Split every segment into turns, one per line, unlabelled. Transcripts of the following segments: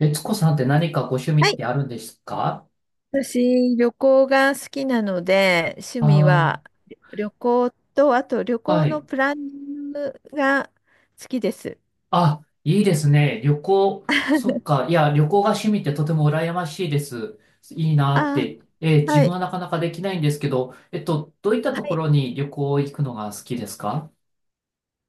えつこさんって何かご趣味
は
っ
い、
てあるんですか？
私、旅行が好きなので、趣味は
あ
旅行と、あと旅
あー、は
行の
い。
プランニングが好きです。
あ、いいですね。旅行、そっか。いや、旅行が趣味ってとても羨ましいです。いいなっ
あ、
て。自
は
分
い、
はなかなかできないんですけど、どういった
は
とこ
い、
ろに旅行行くのが好きですか？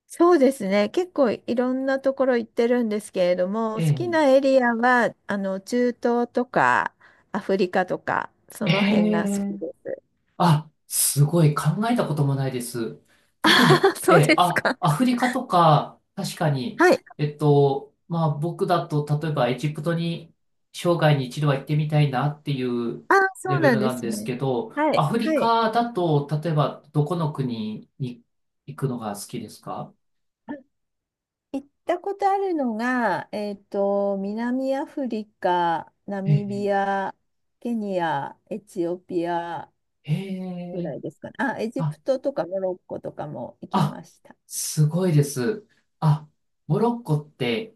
そうですね。結構いろんなところ行ってるんですけれども、好
え
き
ー、
なエリアは、中東とか、アフリカとか、そ
え
の辺が好き
え、
です。
あ、すごい考えたこともないです。
あ
特に、
ー、
え
そう
え、
です
あ、
か。
アフリカとか、確かに、
はい。
まあ僕だと、例えばエジプトに生涯に一度は行ってみたいなっていう
あー、そ
レ
う
ベ
なん
ル
で
なん
す
です
ね。
けど、
はい、
アフリ
はい。
カだと、例えばどこの国に行くのが好きですか？
行ったことあるのが、南アフリカ、ナ
え
ミ
え、
ビア、ケニア、エチオピア
え
ぐら
え、
いですかね。あ、エジ
あ、
プトとかモロッコとかも行き
あ、
ました。
すごいです。あ、モロッコって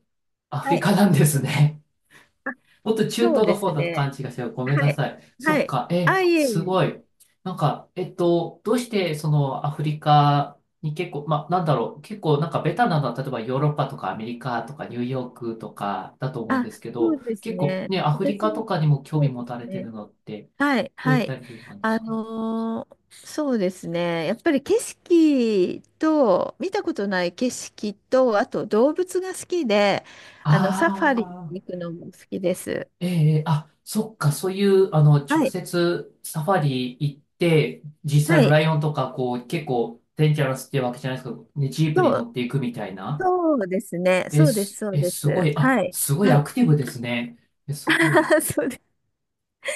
アフ
は
リ
い。
カなんですね。
あ、
もっと中
そう
東の
です
方だと勘違
ね。
いしてる。ごめん
は
な
い。
さい。そ
は
っ
い。
か。え、
あ、いえい
す
え。
ごい。なんか、どうしてそのアフリカに結構、まあ、なんだろう。結構なんかベタなのは、例えばヨーロッパとかアメリカとかニューヨークとかだと思うんで
あ、
すけ
そう
ど、
です
結構
ね。
ね、アフリカとかにも興
そ
味
うで
持
す
たれて
ね。
るのって、
はい、
どうい
は
った
い。
理由なんで
あ
すか？
のーそうですね。やっぱり景色と、見たことない景色と、あと動物が好きで、
あ、
サファリに行くのも好きです。
ええ、あ、そっか、そういう、あの、直
はい、
接サファリ行って、実際
は
の
い。
ライオンとか、こう、結構、デンジャラスってわけじゃないですけど、ね、ジープに
そう、
乗っていくみたいな。
そうですね。
え、
そうです、
す、
そう
え、
で
すご
す。
い、
は
あ、
い、
すごい
は
ア
い。
クティブですね。え、すごい。
そうです。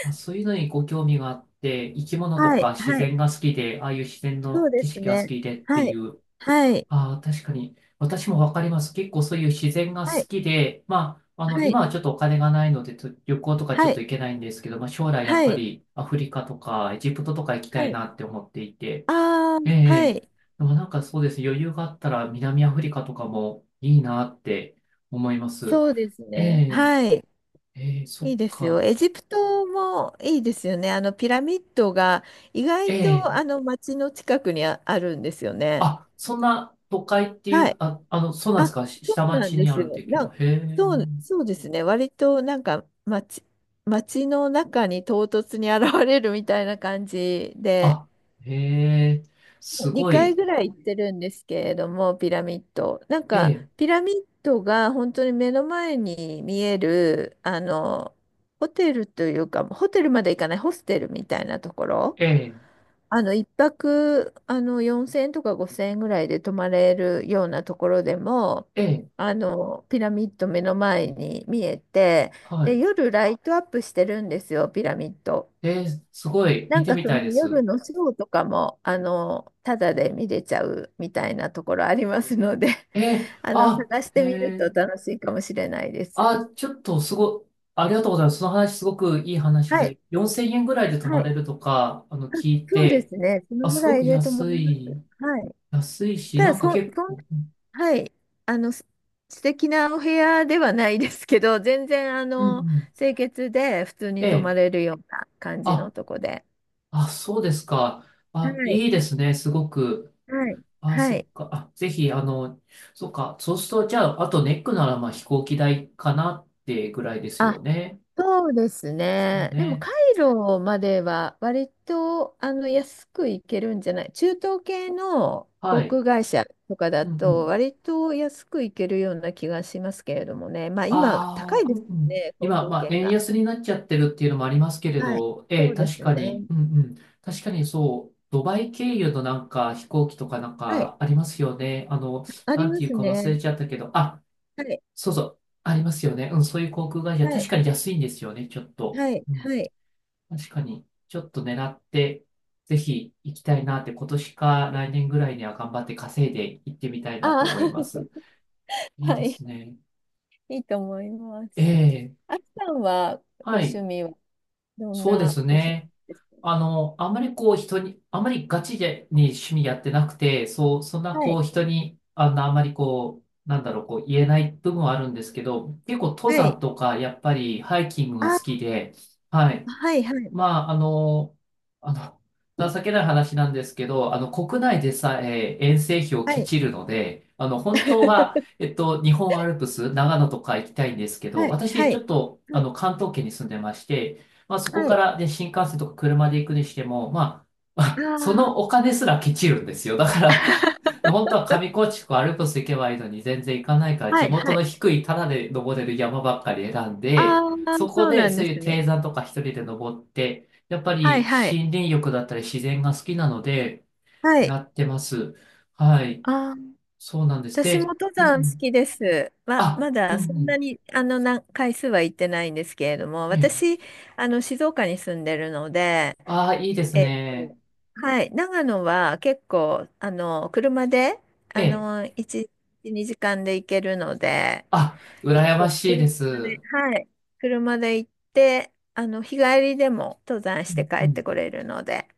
あ、そういうのにご興味があって、生き物と
はい、
か自
はい。
然が好きで、ああいう自然
そ
の
うで
景
す
色が好
ね。
きでって
は
い
い、
う、
はい、
ああ、確かに。私もわかります。結構そういう自然が
は
好
い、
きで、まあ、あの、
は
今
い、
はちょっとお金がないので、と旅行とかちょ
は
っ
い、
と行けないんですけど、まあ、将来やっ
は
ぱ
い、
りアフリカとかエジプトとか行きた
は
い
い。
なって思っていて、
ああ、
え
は
え、
い。
でもなんかそうです。余裕があったら南アフリカとかもいいなって思います。
そうです
え
ね。
え、
はい。
ええ、そ
い
っ
いですよ。
か。
エジプトもいいですよね。あのピラミッドが意外
え
とあ
え、
の街の近くにあるんですよね。
あ、そんな都会ってい
は
う、
い。
あ、あの、そうなんですか。し
そ
下
うなん
町
で
にあ
す
る
よ。
的な。へえ。
そうですね。割となんか街の中に唐突に現れるみたいな感じで、
あ、へえ、すご
2回
い。
ぐらい行ってるんですけれども、ピラミッド。なん
え
か、
え、
ピラミッドが本当に目の前に見える、ホテルというか、ホテルまで行かない、ホステルみたいなところ、
ええ、
一泊、4000円とか5000円ぐらいで泊まれるようなところでも、
ええ、
ピラミッド目の前に見えて、
は
で、
い。
夜ライトアップしてるんですよ、ピラミッド。
ええ、すごい。
な
見
ん
て
か
み
そ
た
の
いで
夜
す。
のショーとかも、ただで見れちゃうみたいなところありますので、
ええ、あ、
探し
へ
てみると
え、
楽しいかもしれないです。
あ、ちょっとすご、ありがとうございます。その話すごくいい話
はい。
で、4000円ぐらいで泊
は
ま
い。
れるとか、あの、聞い
そうで
て、
すね。その
あ、
ぐ
すご
らい
く
でと思い
安
ます。
い、
はい。
安いし、
た
な
だ、
ん
そ、
か結
そん、
構、
はい。あの、す素敵なお部屋ではないですけど、全然、
うんうん。
清潔で普通
え
に泊ま
え、
れるような感じの
あ、
とこで。
あ、そうですか。
は
あ、
い。
いいですね、すごく。
はい。
あ、
は
そ
い。
っか。あ、ぜひ、あの、そっか。そうすると、じゃあ、あとネックなら、まあ、飛行機代かなってぐらいです
あ
よね。
そうです
ですよ
ね。でも、
ね。
カイロまでは割とあの安く行けるんじゃない中東系の
は
航
い。
空会社とかだ
うんう
と
ん。
割と安く行けるような気がしますけれどもね。まあ今高
ああ、
い
う
で
ん
すよ
うん。
ね、航
今、
空
まあ、
券
円
が。
安になっちゃってるっていうのもありますけれ
はい。
ど、え
そ
え、
うで
確
す
かに、
ね。
うんうん。確かにそう、ドバイ経由のなんか飛行機とかなん
はい。
かありますよね。あの、
あり
なん
ま
ていう
す
か忘れ
ね。
ちゃったけど、あ、
はい。
そうそう、ありますよね。うん、そういう航空会社、
は
確
い。
かに安いんですよね、ちょっと。
はい。はい。
確かに、ちょっと狙って、ぜひ行きたいなって、今年か来年ぐらいには頑張って稼いで行ってみたいなっ
あ
て
あ、
思います。いい
は
で
い。
すね。
いいと思いま
え
す。
え、
あきさんはご
は
趣
い、
味はどん
そうで
な
す
ご趣味
ね。
です
あの、あんまりこう人に、あんまりガチでに趣味やってなくて、そう、そんな
か。は
こ
い。
う人に、あの、あんまりこう、なんだろう、こう言えない部分はあるんですけど、結構登
は
山
い。
とか、やっぱりハイキングが好き
あ
で、はい。
はいはい。
まあ、あの、あの、情けない話なんですけど、あの、国内でさえ遠征費を
は
ケ
い。
チるので、あの、本当は、日本アルプス、長野とか行きたいんですけど、
はい。は
私、ちょ
い。
っと、あ
は
の、関東圏に住んでまして、まあ、そこか
い。
らね、新幹線とか車で行くにしても、まあ、そのお金すらケチるんですよ。だから、で本当は上高地とかアルプス行けばいいのに全然行かないから
は
地
い。
元
は
の
い。
低いタダで登れる山ばっかり選ん
あ
で、
あ、
そこ
そう
で
なん
そう
で
いう
す
低
ね。
山とか一人で登って、やっぱ
はい。
り
はい。
森林浴だったり自然が好きなので
はい。
やってます。はい。
ああ、
そうなんです。
私も
で、
登
うんう
山好
ん。
きです。
あ、
ま
うん
だそ
う
んな
ん。
に、回数は行ってないんですけれども、
ええ。
私、静岡に住んでるので、
ああ、いいです
えっと、
ね。
はい。長野は結構、車で、
ええ。
1、2時間で行けるので、
あ、羨
そ
ま
う
しいです。
車で、
う
はい。車で行って、日帰りでも登山して
ん
帰
う
って
ん、
これるので。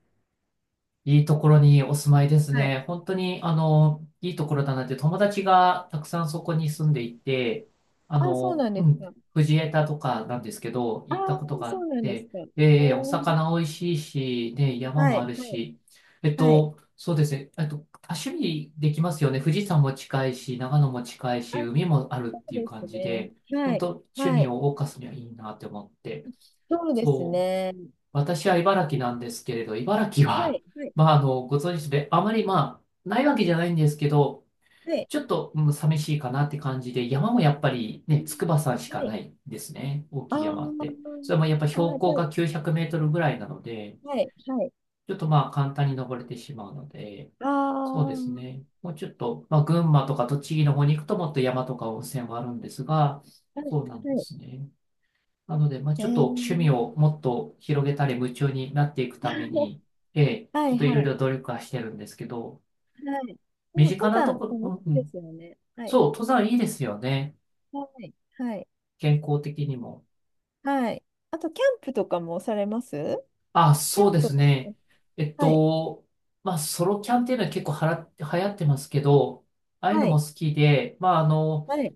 いいところにお住まいです
はい。
ね。本当に、あの、いいところだなって、友達がたくさんそこに住んでいて、あ
あ、そう
の、
なんで
う
す
ん、
か。
藤枝とかなんですけど、
あ
行った
あ
ことがあ
そ
っ
うなんです
て、
か。ね
で、お魚美味しいし、ね、山
は
もあ
い、
る
はい、
し、
はい。
そうですね、多趣味できますよね。富士山も近いし、長野も近い
あ、
し、
そ
海もあるって
う
いう
です
感じ
ね。
で、
は
本当
い、
趣
は
味
い。
を謳歌すにはいいなって思って。
そうです
そう。
ね。
私は茨城なんですけれど、茨城
は
は、
い、はい、
まあ、あの、ご存知で、あまり、まあ、ないわけじゃないんですけど、
はい。
ちょっと、うん、寂しいかなって感じで、山もやっぱり
う
ね、
ん
筑波山し
は
かな
い。
いですね。大
あ
きい山って。
あ
それもやっぱ
あ
標
あじ
高
ゃあ
が900メートルぐらいなので、
はい、はい。
ちょっとまあ、簡単に登れてしまうので、
ああ
そうです
は
ね。もうちょっと、まあ、群馬とか栃木の方に行くともっと山とか温泉はあるんですが、
い、は
そうなんで
い。
すね。なので、まあ、
え
ちょっと趣味
ー、
をもっと広げたり夢中になっていくために、ええ、
は
ちょ
い、
っといろい
は
ろ
い。
努力はしてるんですけど、
はい。も
身
う
近
登
なと
山、
こ、う
楽
ん
しい
う
いで
ん、
すよね。はい。
そう、登山いいですよね。
はい。はい。
健康的にも。
はい。あと、キャンプとかもされます
あ、
キャ
そう
ン
で
プ。
すね。えっ
はい。
と、まあ、ソロキャンっていうのは結構はら、流行ってますけど、ああいう
は
のも
い。
好きで、まあ、あの、
はい。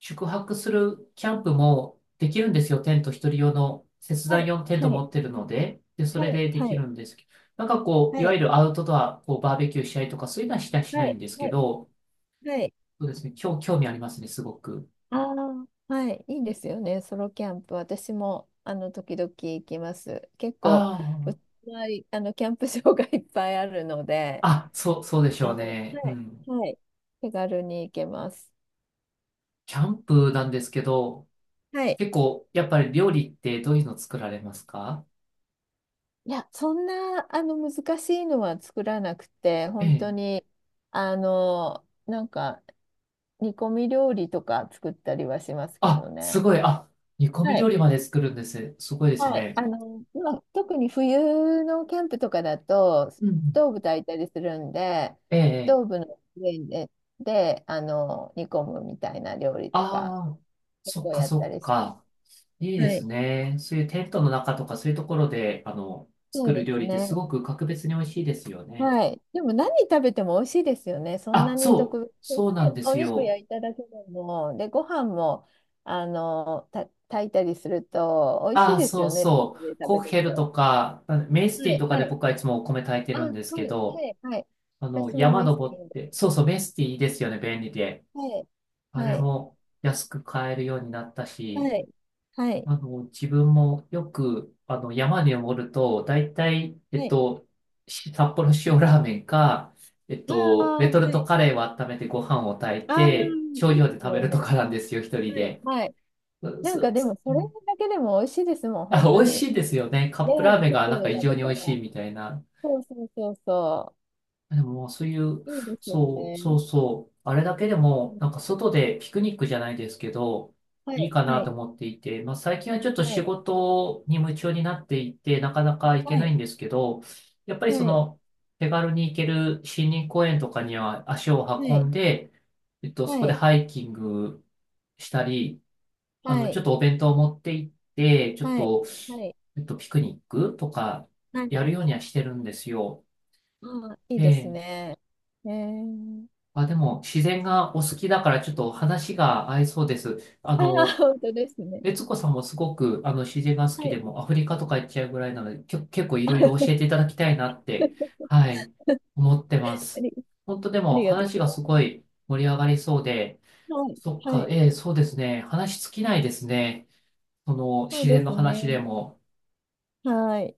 宿泊するキャンプもできるんですよ。テント、一人用の、切
は
断
い。
用のテント
はい。
持ってるので、で、それ
はい。
でで
は
き
い。
るんですけど、なんかこ
は
う、いわ
い。
ゆるアウトドア、こう、バーベキューしたりとか、そういうのはしたりし
は
ない
い。
んです
は
け
い。
ど、
はい。
そうですね、興興味ありますね、すごく。
ああ、はい。いいですよね。ソロキャンプ。私も、時々行きます。結構、
あ
うちの周りキャンプ場が いっぱいあるので、
あ、あ、そう、そうでし
あ
ょう
の、は
ね。う
い。
ん。
はい。手軽に行けます。
キャンプなんですけど、
はい。
結構、やっぱり料理ってどういうの作られますか？
いや、そんな、難しいのは作らなくて、
え
本当
え。
に、あの、なんか、煮込み料理とか作ったりはしますけど
あ、す
ね。
ごい。あ、煮込み
はい。
料理まで作るんです。すごいです
はい。
ね。
まあ、特に冬のキャンプとかだと、ス
うんうん。
トーブ炊いたりするんで、
え
ス
え。
トー
え、
ブの上で、で、煮込むみたいな料理とか、
ああ、
結
そっ
構
か
やった
そっ
りしま
か。いい
す。
で
は
す
い。
ね。そういうテントの中とかそういうところで、あの、
そ
作
う
る
で
料
す
理ってす
ね。
ごく格別に美味しいですよね。
はい。でも何食べても美味しいですよね。そん
あ、
なに
そ
特
う、
別、本
そ
当
うな
に
んで
お
す
肉
よ。
焼いただけでも、で、ご飯も、炊いたりすると美味し
あ
い
あ、
です
そ
よ
う
ね。
そう。
食
コ
べ
ッ
る
ヘル
と。
とか、あのメス
は
ティ
い、
とか
は
で
い。
僕はいつもお米炊いて
あ、
るん
はい、
ですけ
は
ど、
い、はい。
あの、
私も
山
メステ
登
ィ
っ
ン
て、
で。
そうそう、メスティいいですよね、便利で。
はい、
あ
は
れ
い、
も安く買えるようになったし、
はい、はい、
あの、自分もよく、あの、山に登ると、大体、
はい。
し札幌塩ラーメンか、
あ
レ
あ、
トル
は
ト
い。
カレーを温めてご飯を炊い
ああ、
て、
い
少
い
量
で
で
す
食べ
よ
ると
ね。
かなんですよ、一人
はい、
で。
はい。
う
なん
す
かで
す、
も、それだけでも美味しいですもん、
あ、
本
美
当
味し
に。
いですよね。カッ
ね
プラー
え、
メンが
外
なん
で
か異
食
常に
べ
美
た
味
ら。
しいみたいな。
そうそうそうそう。
でも、そういう、
いいですよ
そう、そ
ね。
うそう、あれだけで
う
も、なん
ん
か外でピクニックじゃないですけど、
は
いい
い、
か
は
な
い、
と思っていて、まあ最近はちょっと
は
仕
い、
事に夢中になっていて、なかなか行
は
けない
い、
んですけど、やっぱり
は
そ
い、
の、手軽に行ける森林公園とかには足を
は
運ん
い、
で、そ
は
こで
い、
ハイキングしたり、あ
は
の、ち
い、
ょっとお弁当を持って行って、ちょっ
はい、
と、
はい、
ピクニックとか
は
や
い。
るようにはしてるんですよ。
ああ、いいです
ええ、
ね。えー、
まあ、でも、自然がお好きだから、ちょっと話が合いそうです。あ
ああ、
の、
本当ですね。
悦子さんもすごく、あの、自然が好き
は
で
い、
も、アフリカとか行っちゃうぐらいなので、きょ、結構いろいろ教えていただきたいなって、はい、思ってま
あ
す。
り、
本当で
あり
も、
がとう
話が
ご
す
ざ
ご
い
い盛り上がりそうで、
ます。
そっ
はい、は
か、
い、
ええ、そうですね。話尽きないですね。その、
そう
自
で
然の
す
話で
ね。
も。
はい。